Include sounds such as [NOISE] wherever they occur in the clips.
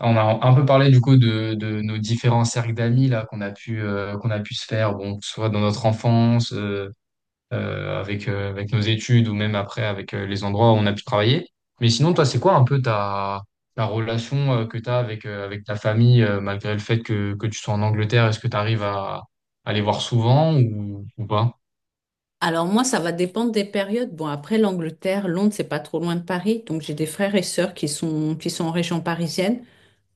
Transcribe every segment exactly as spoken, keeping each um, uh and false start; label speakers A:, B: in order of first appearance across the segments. A: On a un peu parlé du coup de, de nos différents cercles d'amis là qu'on a pu euh, qu'on a pu se faire, bon, que ce soit dans notre enfance, euh, euh, avec euh, avec nos études ou même après avec euh, les endroits où on a pu travailler. Mais sinon, toi, c'est quoi un peu ta ta relation euh, que tu as avec euh, avec ta famille euh, malgré le fait que que tu sois en Angleterre, est-ce que tu arrives à, à les voir souvent ou ou pas?
B: Alors moi, ça va dépendre des périodes. Bon, après l'Angleterre, Londres, c'est pas trop loin de Paris. Donc j'ai des frères et sœurs qui sont, qui sont en région parisienne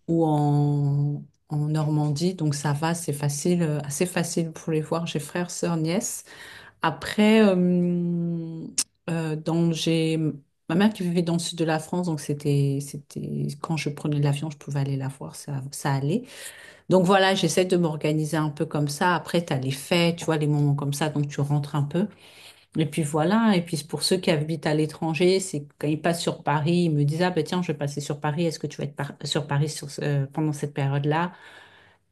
B: ou en, en Normandie. Donc ça va, c'est facile, euh, assez facile pour les voir. J'ai frères, sœurs, nièces. Après, euh, euh, dans, j'ai ma mère qui vivait dans le sud de la France. Donc c'était, c'était quand je prenais l'avion, je pouvais aller la voir. Ça, ça allait. Donc voilà, j'essaie de m'organiser un peu comme ça. Après, tu as les fêtes, tu vois, les moments comme ça. Donc tu rentres un peu. Et puis voilà, et puis pour ceux qui habitent à l'étranger, c'est quand ils passent sur Paris, ils me disent, ah ben tiens, je vais passer sur Paris, est-ce que tu vas être par- sur Paris sur ce- euh, pendant cette période-là?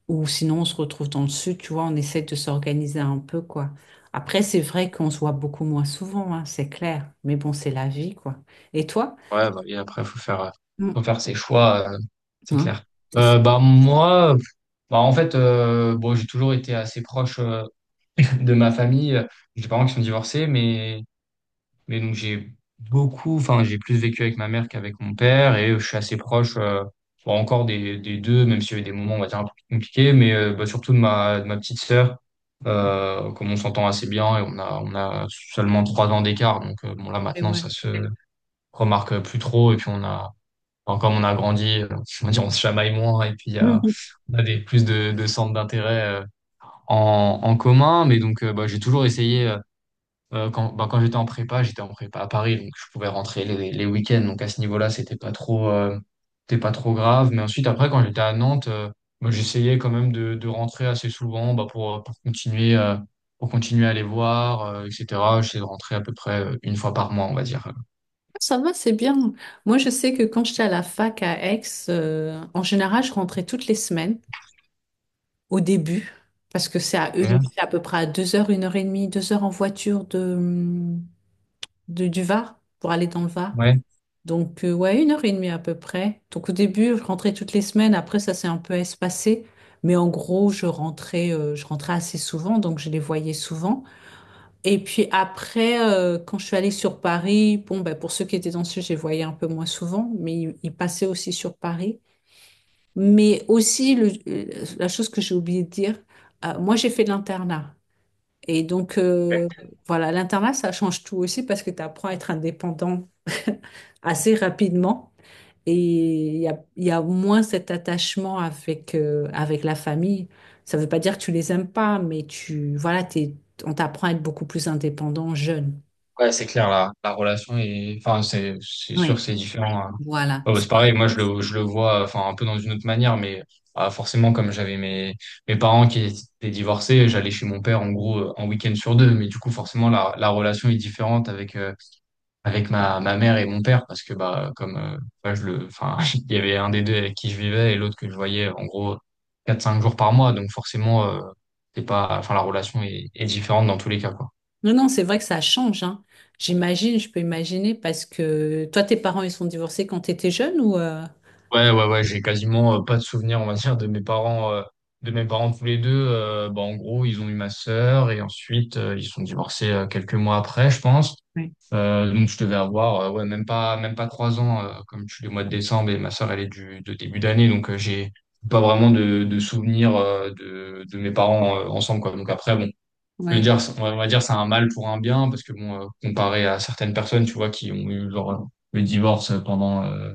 B: Ou sinon, on se retrouve dans le sud, tu vois, on essaie de s'organiser un peu, quoi. Après, c'est vrai qu'on se voit beaucoup moins souvent, hein, c'est clair, mais bon, c'est la vie, quoi. Et toi?
A: Ouais, bah, et après faut faire euh,
B: Mm.
A: faut faire ses choix, euh, c'est
B: Hein,
A: clair.
B: c'est ça.
A: Euh, bah moi, bah en fait, euh, bon, j'ai toujours été assez proche de ma famille. euh, J'ai des parents qui sont divorcés, mais, mais donc j'ai beaucoup, enfin, j'ai plus vécu avec ma mère qu'avec mon père et je suis assez proche, euh, bon, encore des, des deux, même s'il y a eu des moments, on va dire, un peu plus compliqués, mais euh, bah, surtout de ma de ma petite sœur, euh, comme on s'entend assez bien et on a, on a seulement trois ans d'écart. Donc, euh, bon, là,
B: Mais
A: maintenant,
B: ouais.
A: ça se remarque plus trop et puis on a, enfin, comme on a grandi, euh, on va dire, on se chamaille moins et puis il y a,
B: Mhm.
A: on a des, plus de, de centres d'intérêt euh, en, en commun, mais donc euh, bah, j'ai toujours essayé euh, euh, quand bah, quand j'étais en prépa, j'étais en prépa à Paris, donc je pouvais rentrer les, les week-ends. Donc à ce niveau-là, c'était pas trop, euh, c'était pas trop grave. Mais ensuite, après, quand j'étais à Nantes, euh, bah, j'essayais quand même de, de rentrer assez souvent bah, pour, pour continuer, euh, pour continuer à les voir, euh, et cetera. J'essayais de rentrer à peu près euh, une fois par mois, on va dire.
B: Ça va, c'est bien. Moi, je sais que quand j'étais à la fac à Aix, euh, en général, je rentrais toutes les semaines au début, parce que c'est à, une-
A: Ok.
B: c'est à peu près à deux heures, une heure et demie, deux heures en voiture de, de- du Var pour aller dans le Var.
A: Ouais.
B: Donc, euh, ouais, une heure et demie à peu près. Donc, au début, je rentrais toutes les semaines. Après, ça s'est un peu espacé. Mais en gros, je rentrais, euh, je rentrais assez souvent, donc je les voyais souvent. Et puis après, euh, quand je suis allée sur Paris, bon, ben, pour ceux qui étaient dans le sud, je les voyais un peu moins souvent, mais ils ils passaient aussi sur Paris. Mais aussi, le- euh, la chose que j'ai oublié de dire, euh, moi j'ai fait de l'internat. Et donc, euh, voilà, l'internat, ça change tout aussi parce que tu apprends à être indépendant [LAUGHS] assez rapidement. Et il y a, il y a moins cet attachement avec, euh, avec la famille. Ça ne veut pas dire que tu les aimes pas, mais tu, voilà, t'es- on t'apprend à être beaucoup plus indépendant jeune.
A: Ouais, c'est clair, la, la relation est, enfin, c'est, c'est sûr,
B: Oui.
A: c'est différent, hein.
B: Voilà.
A: Ouais, bah, c'est pareil, moi, je le, je le vois, enfin, un peu dans une autre manière, mais ah, forcément, comme j'avais mes, mes parents qui étaient divorcés, j'allais chez mon père, en gros, euh, un week-end sur deux, mais du coup, forcément, la, la relation est différente avec, euh, avec ma ma mère et mon père, parce que, bah, comme, euh, bah, je le, enfin, [LAUGHS] il y avait un des deux avec qui je vivais et l'autre que je voyais, en gros, quatre cinq jours par mois, donc forcément, euh, c'est pas, enfin, la relation est, est différente dans tous les cas, quoi.
B: Non, non, c'est vrai que ça change, hein. J'imagine, je peux imaginer, parce que toi, tes parents, ils sont divorcés quand tu étais jeune ou... euh,
A: Ouais, ouais, ouais, j'ai quasiment euh, pas de souvenirs, on va dire, de mes parents, euh, de mes parents tous les deux. Euh, bah, en gros, ils ont eu ma sœur et ensuite euh, ils sont divorcés euh, quelques mois après, je pense.
B: Ouais.
A: Euh, donc je devais avoir, euh, ouais, même pas, même pas trois ans, euh, comme je suis du mois de décembre et ma sœur elle est du de début d'année, donc euh, j'ai pas vraiment de, de souvenirs euh, de, de mes parents euh, ensemble, quoi. Donc après, bon, je veux
B: Ouais.
A: dire, on va on va dire c'est un mal pour un bien parce que bon, euh, comparé à certaines personnes, tu vois, qui ont eu leur le divorce pendant euh,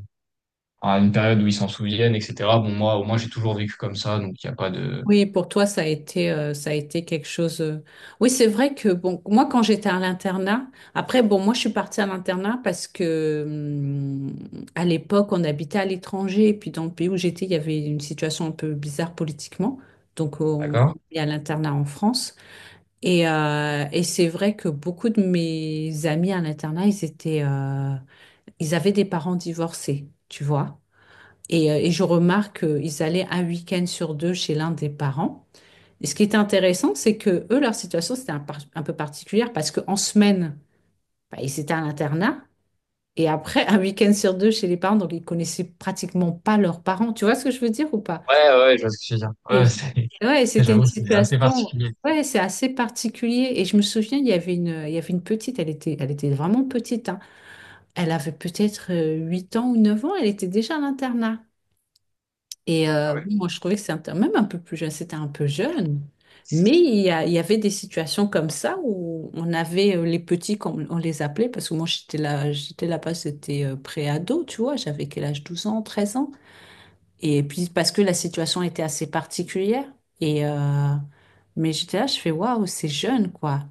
A: à une période où ils s'en souviennent, et cetera. Bon, moi, au moins, j'ai toujours vécu comme ça, donc il n'y a pas de.
B: Oui, pour toi, ça a été, euh, ça a été quelque chose. euh, Oui, c'est vrai que bon, moi, quand j'étais à l'internat, après, bon, moi, je suis partie à l'internat parce que hum, à l'époque, on habitait à l'étranger, et puis dans le pays où j'étais, il y avait une situation un peu bizarre politiquement, donc on
A: D'accord?
B: on est à l'internat en France. Et, euh, et c'est vrai que beaucoup de mes amis à l'internat, ils étaient, euh, ils avaient des parents divorcés, tu vois. Et, euh, et je remarque qu'ils allaient un week-end sur deux chez l'un des parents. Et ce qui est intéressant, c'est que eux, leur situation, c'était un, par- un peu particulière parce qu'en semaine, bah, ils étaient à l'internat. Et après, un week-end sur deux chez les parents, donc ils connaissaient pratiquement pas leurs parents. Tu vois ce que je veux dire ou pas?
A: Ouais, ouais, je vois ce que tu veux dire.
B: Et
A: Ouais,
B: j-
A: c'est. [LAUGHS]
B: ouais, c'était une
A: J'avoue, c'est assez
B: situation,
A: particulier.
B: ouais, c'est assez particulier. Et je me souviens, il y avait une, il y avait une petite, elle était, elle était vraiment petite, hein. Elle avait peut-être euh, huit ans ou neuf ans, elle était déjà à l'internat. Et
A: Ah
B: euh, bon,
A: ouais.
B: moi, je trouvais que c'était un- même un peu plus jeune, c'était un peu jeune. Mais il y a- il y avait des situations comme ça où on avait euh, les petits, comme on les appelait, parce que moi, j'étais là, j'étais là-bas, c'était euh, pré-ado, tu vois, j'avais quel âge, douze ans, treize ans. Et puis parce que la situation était assez particulière. Et euh, mais j'étais là, je fais waouh, c'est jeune quoi.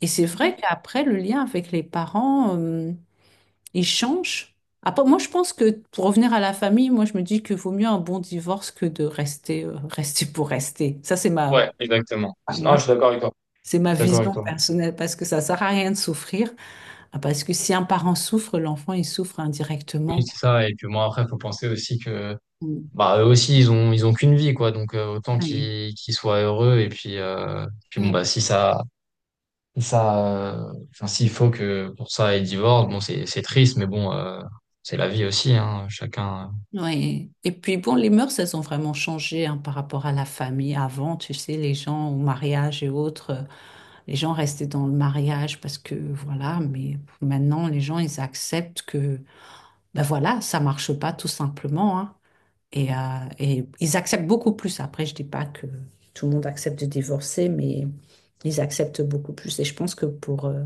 B: Et c'est
A: Mm.
B: vrai qu'après le lien avec les parents, euh, il change. Après, moi je pense que pour revenir à la famille, moi je me dis que vaut mieux un bon divorce que de rester euh, [LAUGHS] rester pour rester. Ça c'est ma
A: Ouais, exactement.
B: enfin,
A: Non,
B: moi
A: je suis d'accord avec toi.
B: c'est
A: Je
B: ma
A: suis d'accord avec
B: vision
A: toi.
B: personnelle parce que ça sert à rien de souffrir. Ah, parce que si un parent souffre, l'enfant il souffre
A: Oui,
B: indirectement.
A: c'est ça. Et puis moi, après, faut penser aussi que,
B: Mm.
A: bah, eux aussi, ils ont, ils ont qu'une vie, quoi. Donc, euh, autant
B: Ouais.
A: qu'ils qu'ils soient heureux. Et puis, euh, puis bon, bah, si ça, si ça, euh, enfin, s'il faut que pour ça, ils divorcent, bon, c'est, c'est triste, mais bon, euh, c'est la vie aussi, hein. Chacun.
B: Oui. Et puis bon, les mœurs, elles ont vraiment changé hein, par rapport à la famille. Avant, tu sais, les gens au mariage et autres, euh, les gens restaient dans le mariage parce que voilà, mais maintenant, les gens, ils acceptent que, ben voilà, ça marche pas tout simplement, hein. Et, euh, et ils acceptent beaucoup plus. Après, je dis pas que tout le monde accepte de divorcer, mais ils acceptent beaucoup plus. Et je pense que pour, euh,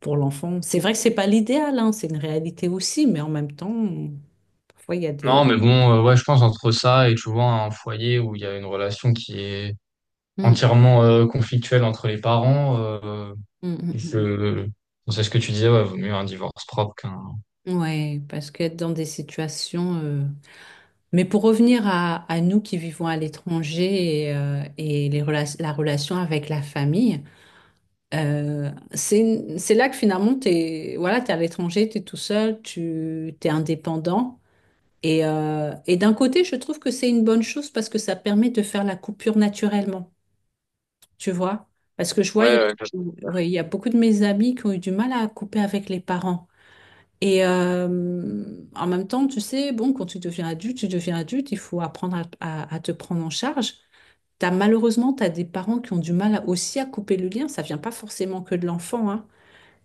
B: pour l'enfant, c'est vrai que c'est pas l'idéal, hein, c'est une réalité aussi, mais en même temps, parfois, il y a
A: Non,
B: des...
A: mais bon, euh, ouais, je pense entre ça et tu vois un foyer où il y a une relation qui est
B: Hmm.
A: entièrement euh, conflictuelle entre les parents, euh,
B: Mm, mm,
A: je, c'est ce que tu disais, ouais, vaut mieux un divorce propre qu'un.
B: mm. Ouais, parce qu'être dans des situations. euh, Mais pour revenir à, à nous qui vivons à l'étranger et, euh, et les rela- la relation avec la famille, euh, c'est, c'est là que finalement, t'es, voilà, t'es à l'étranger, t'es tout seul, tu, t'es indépendant. Et, euh, et d'un côté, je trouve que c'est une bonne chose parce que ça permet de faire la coupure naturellement, tu vois? Parce que je vois, il
A: Ouais,
B: y a,
A: ouais, je préfère.
B: ouais, il y a beaucoup de mes amis qui ont eu du mal à couper avec les parents. Et euh, En même temps, tu sais, bon, quand tu deviens adulte, tu deviens adulte, il faut apprendre à, à- à te prendre en charge. T'as, malheureusement, tu as des parents qui ont du mal à- aussi à couper le lien. Ça vient pas forcément que de l'enfant, hein.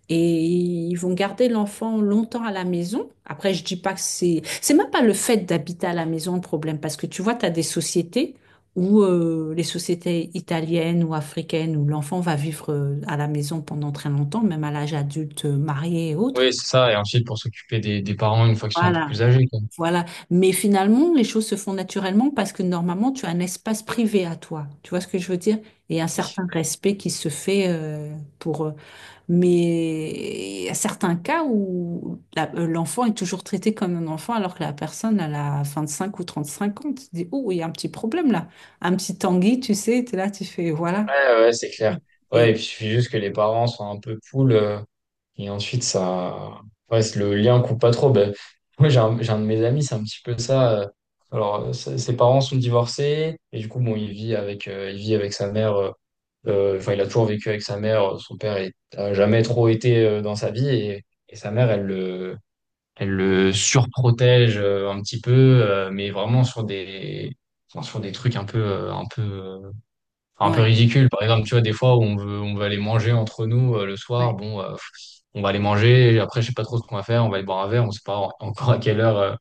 B: Et ils vont garder l'enfant longtemps à la maison. Après, je dis pas que c'est... C'est même pas le fait d'habiter à la maison le problème, parce que tu vois, tu as des sociétés où euh, les sociétés italiennes ou africaines, où l'enfant va vivre euh, à la maison pendant très longtemps, même à l'âge adulte, euh, marié et autres.
A: Oui, c'est ça. Et ensuite pour s'occuper des, des parents une fois qu'ils sont un peu
B: Voilà.
A: plus âgés, quoi.
B: Voilà. Mais finalement, les choses se font naturellement parce que normalement, tu as un espace privé à toi. Tu vois ce que je veux dire? Et un
A: Oui.
B: certain respect qui se fait euh, pour... euh, Mais il y a certains cas où la- euh, l'enfant est toujours traité comme un enfant alors que la personne, elle a cinq ou trente-cinq ans. Tu te dis, oh, il y a un petit problème là. Un petit Tanguy, tu sais, tu es là, tu fais, voilà.
A: Ouais, ouais, c'est clair. Ouais, et
B: Et...
A: puis il suffit juste que les parents soient un peu cool. Et ensuite, ça. Ouais, c'est- le lien coupe pas trop. Ben, moi, j'ai un, j'ai un de mes amis, c'est un petit peu ça. euh, Alors, euh, ses ses parents sont divorcés. Et du coup, bon, il vit avec, euh, il vit avec sa mère. euh, euh, Enfin, il a toujours vécu avec sa mère. Son père est- a jamais trop été euh, dans sa vie. Et, et sa mère, elle le, elle le surprotège euh, un petit peu, euh, mais vraiment sur des. Enfin, sur des trucs un peu euh, un peu euh, enfin, un peu
B: Ouais,
A: ridicules, par exemple tu vois des fois où on veut on veut aller manger entre nous euh, le soir
B: ouais,
A: bon euh, on va aller manger et après, je sais pas trop ce qu'on va faire. On va aller boire un verre. On sait pas en- encore à quelle heure, euh,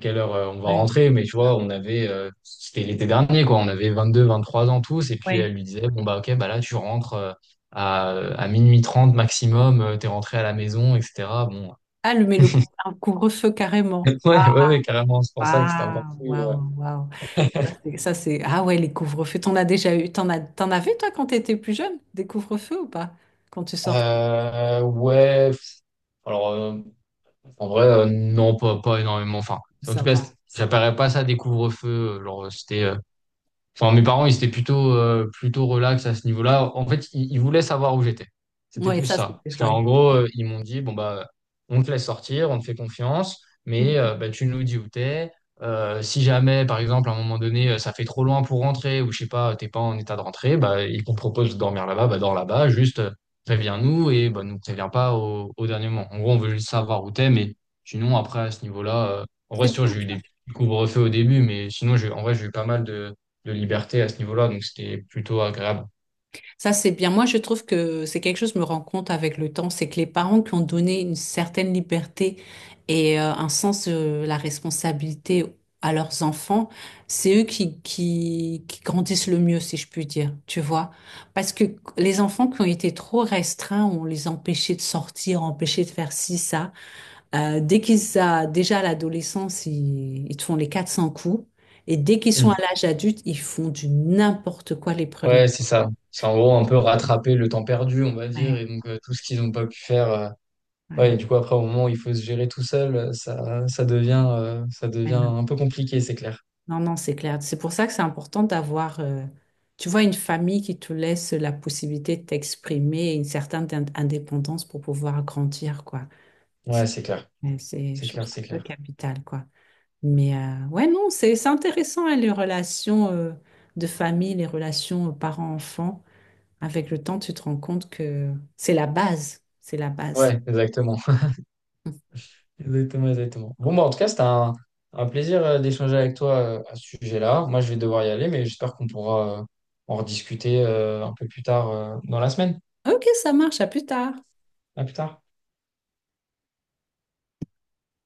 A: quelle heure euh, on va
B: ouais,
A: rentrer. Mais tu vois, on avait, euh, c'était l'été dernier, quoi. On avait vingt-deux vingt-trois ans tous. Et puis,
B: ouais.
A: elle lui disait, bon, bah, ok, bah là, tu rentres euh, à, à minuit trente maximum. euh, T'es rentré à la maison, et cetera. Bon.
B: Ah, le, mais le cou- un couvre-feu carrément.
A: [LAUGHS] Ouais, ouais, ouais, carrément. C'est pour ça que c'était encore
B: Waouh,
A: plus.
B: waouh, waouh.
A: Euh,
B: Ça,
A: [LAUGHS]
B: c'est... ça, c'est- Ah ouais, les couvre-feux. T'en as déjà eu. T'en as... T'en avais, toi, quand t'étais plus jeune, des couvre-feux ou pas? Quand tu sortais,
A: euh, ouais, pff, alors euh, en vrai, euh, non, pas, pas énormément. Enfin, en
B: ça
A: tout cas, c-
B: va.
A: j'appellerais pas ça des couvre-feux. euh, Genre, euh, c'était euh, Enfin, mes parents, ils étaient plutôt, euh, plutôt relax à ce niveau-là. En fait, ils, ils voulaient savoir où j'étais. C'était
B: Ouais,
A: plus
B: ça,
A: ça.
B: c'était...
A: Parce qu'en
B: Ouais.
A: gros, euh, ils m'ont dit, bon, bah, on te laisse sortir, on te fait confiance, mais
B: Mhm.
A: euh, bah, tu nous dis où t'es. Euh, si jamais, par exemple, à un moment donné, euh, ça fait trop loin pour rentrer, ou je sais pas, t'es pas en état de rentrer, bah, ils qu'on propose de dormir là-bas, bah, dors là-bas, juste euh, préviens-nous et bah, nous préviens pas au, au dernier moment. En gros, on veut juste savoir où t'es, mais sinon, après, à ce niveau-là, euh, en vrai,
B: C'est
A: c'est sûr,
B: bien.
A: j'ai eu des petits couvre-feux au début, mais sinon, j'ai- en vrai, j'ai eu pas mal de de liberté à ce niveau-là, donc c'était plutôt agréable.
B: Ça, c'est bien. Moi, je trouve que c'est quelque chose que je me rends compte avec le temps, c'est que les parents qui ont donné une certaine liberté et euh, un sens de la responsabilité à leurs enfants, c'est eux qui, qui, qui grandissent le mieux, si je puis dire, tu vois. Parce que les enfants qui ont été trop restreints, on les empêchait de sortir, empêchait de faire ci, ça. Euh, dès qu'ils a, déjà à l'adolescence, ils, ils te font les quatre cents coups. Et dès qu'ils sont à
A: Mm.
B: l'âge adulte, ils font du n'importe quoi les premières
A: Ouais, c'est ça.
B: années.
A: C'est en gros un peu rattraper le temps perdu, on va dire,
B: Ouais.
A: et donc euh, tout ce qu'ils n'ont pas pu faire. Euh, ouais, et
B: Ouais,
A: du coup, après, au moment où il faut se gérer tout seul, euh, ça, ça devient, euh, ça
B: ouais,
A: devient
B: non,
A: un peu compliqué, c'est clair.
B: non, non, c'est clair. C'est pour ça que c'est important d'avoir, euh, tu vois, une famille qui te laisse la possibilité de t'exprimer et une certaine in- indépendance pour pouvoir grandir, quoi.
A: Ouais, c'est clair.
B: Ouais, c'est,
A: C'est
B: je trouve
A: clair,
B: ça
A: c'est
B: un peu
A: clair.
B: capital, quoi. Mais euh, ouais, non, c'est c'est intéressant, hein, les relations euh, de famille, les relations euh, parents-enfants. Avec le temps, tu te rends compte que c'est la base. C'est la base.
A: Ouais, exactement.
B: Mmh.
A: [LAUGHS] Exactement, exactement. Bon, bah, en tout cas, c'était un, un plaisir euh, d'échanger avec toi euh, à ce sujet-là. Moi, je vais devoir y aller, mais j'espère qu'on pourra euh, en rediscuter euh, un peu plus tard euh, dans la semaine.
B: Ok, ça marche. À plus tard.
A: À plus tard.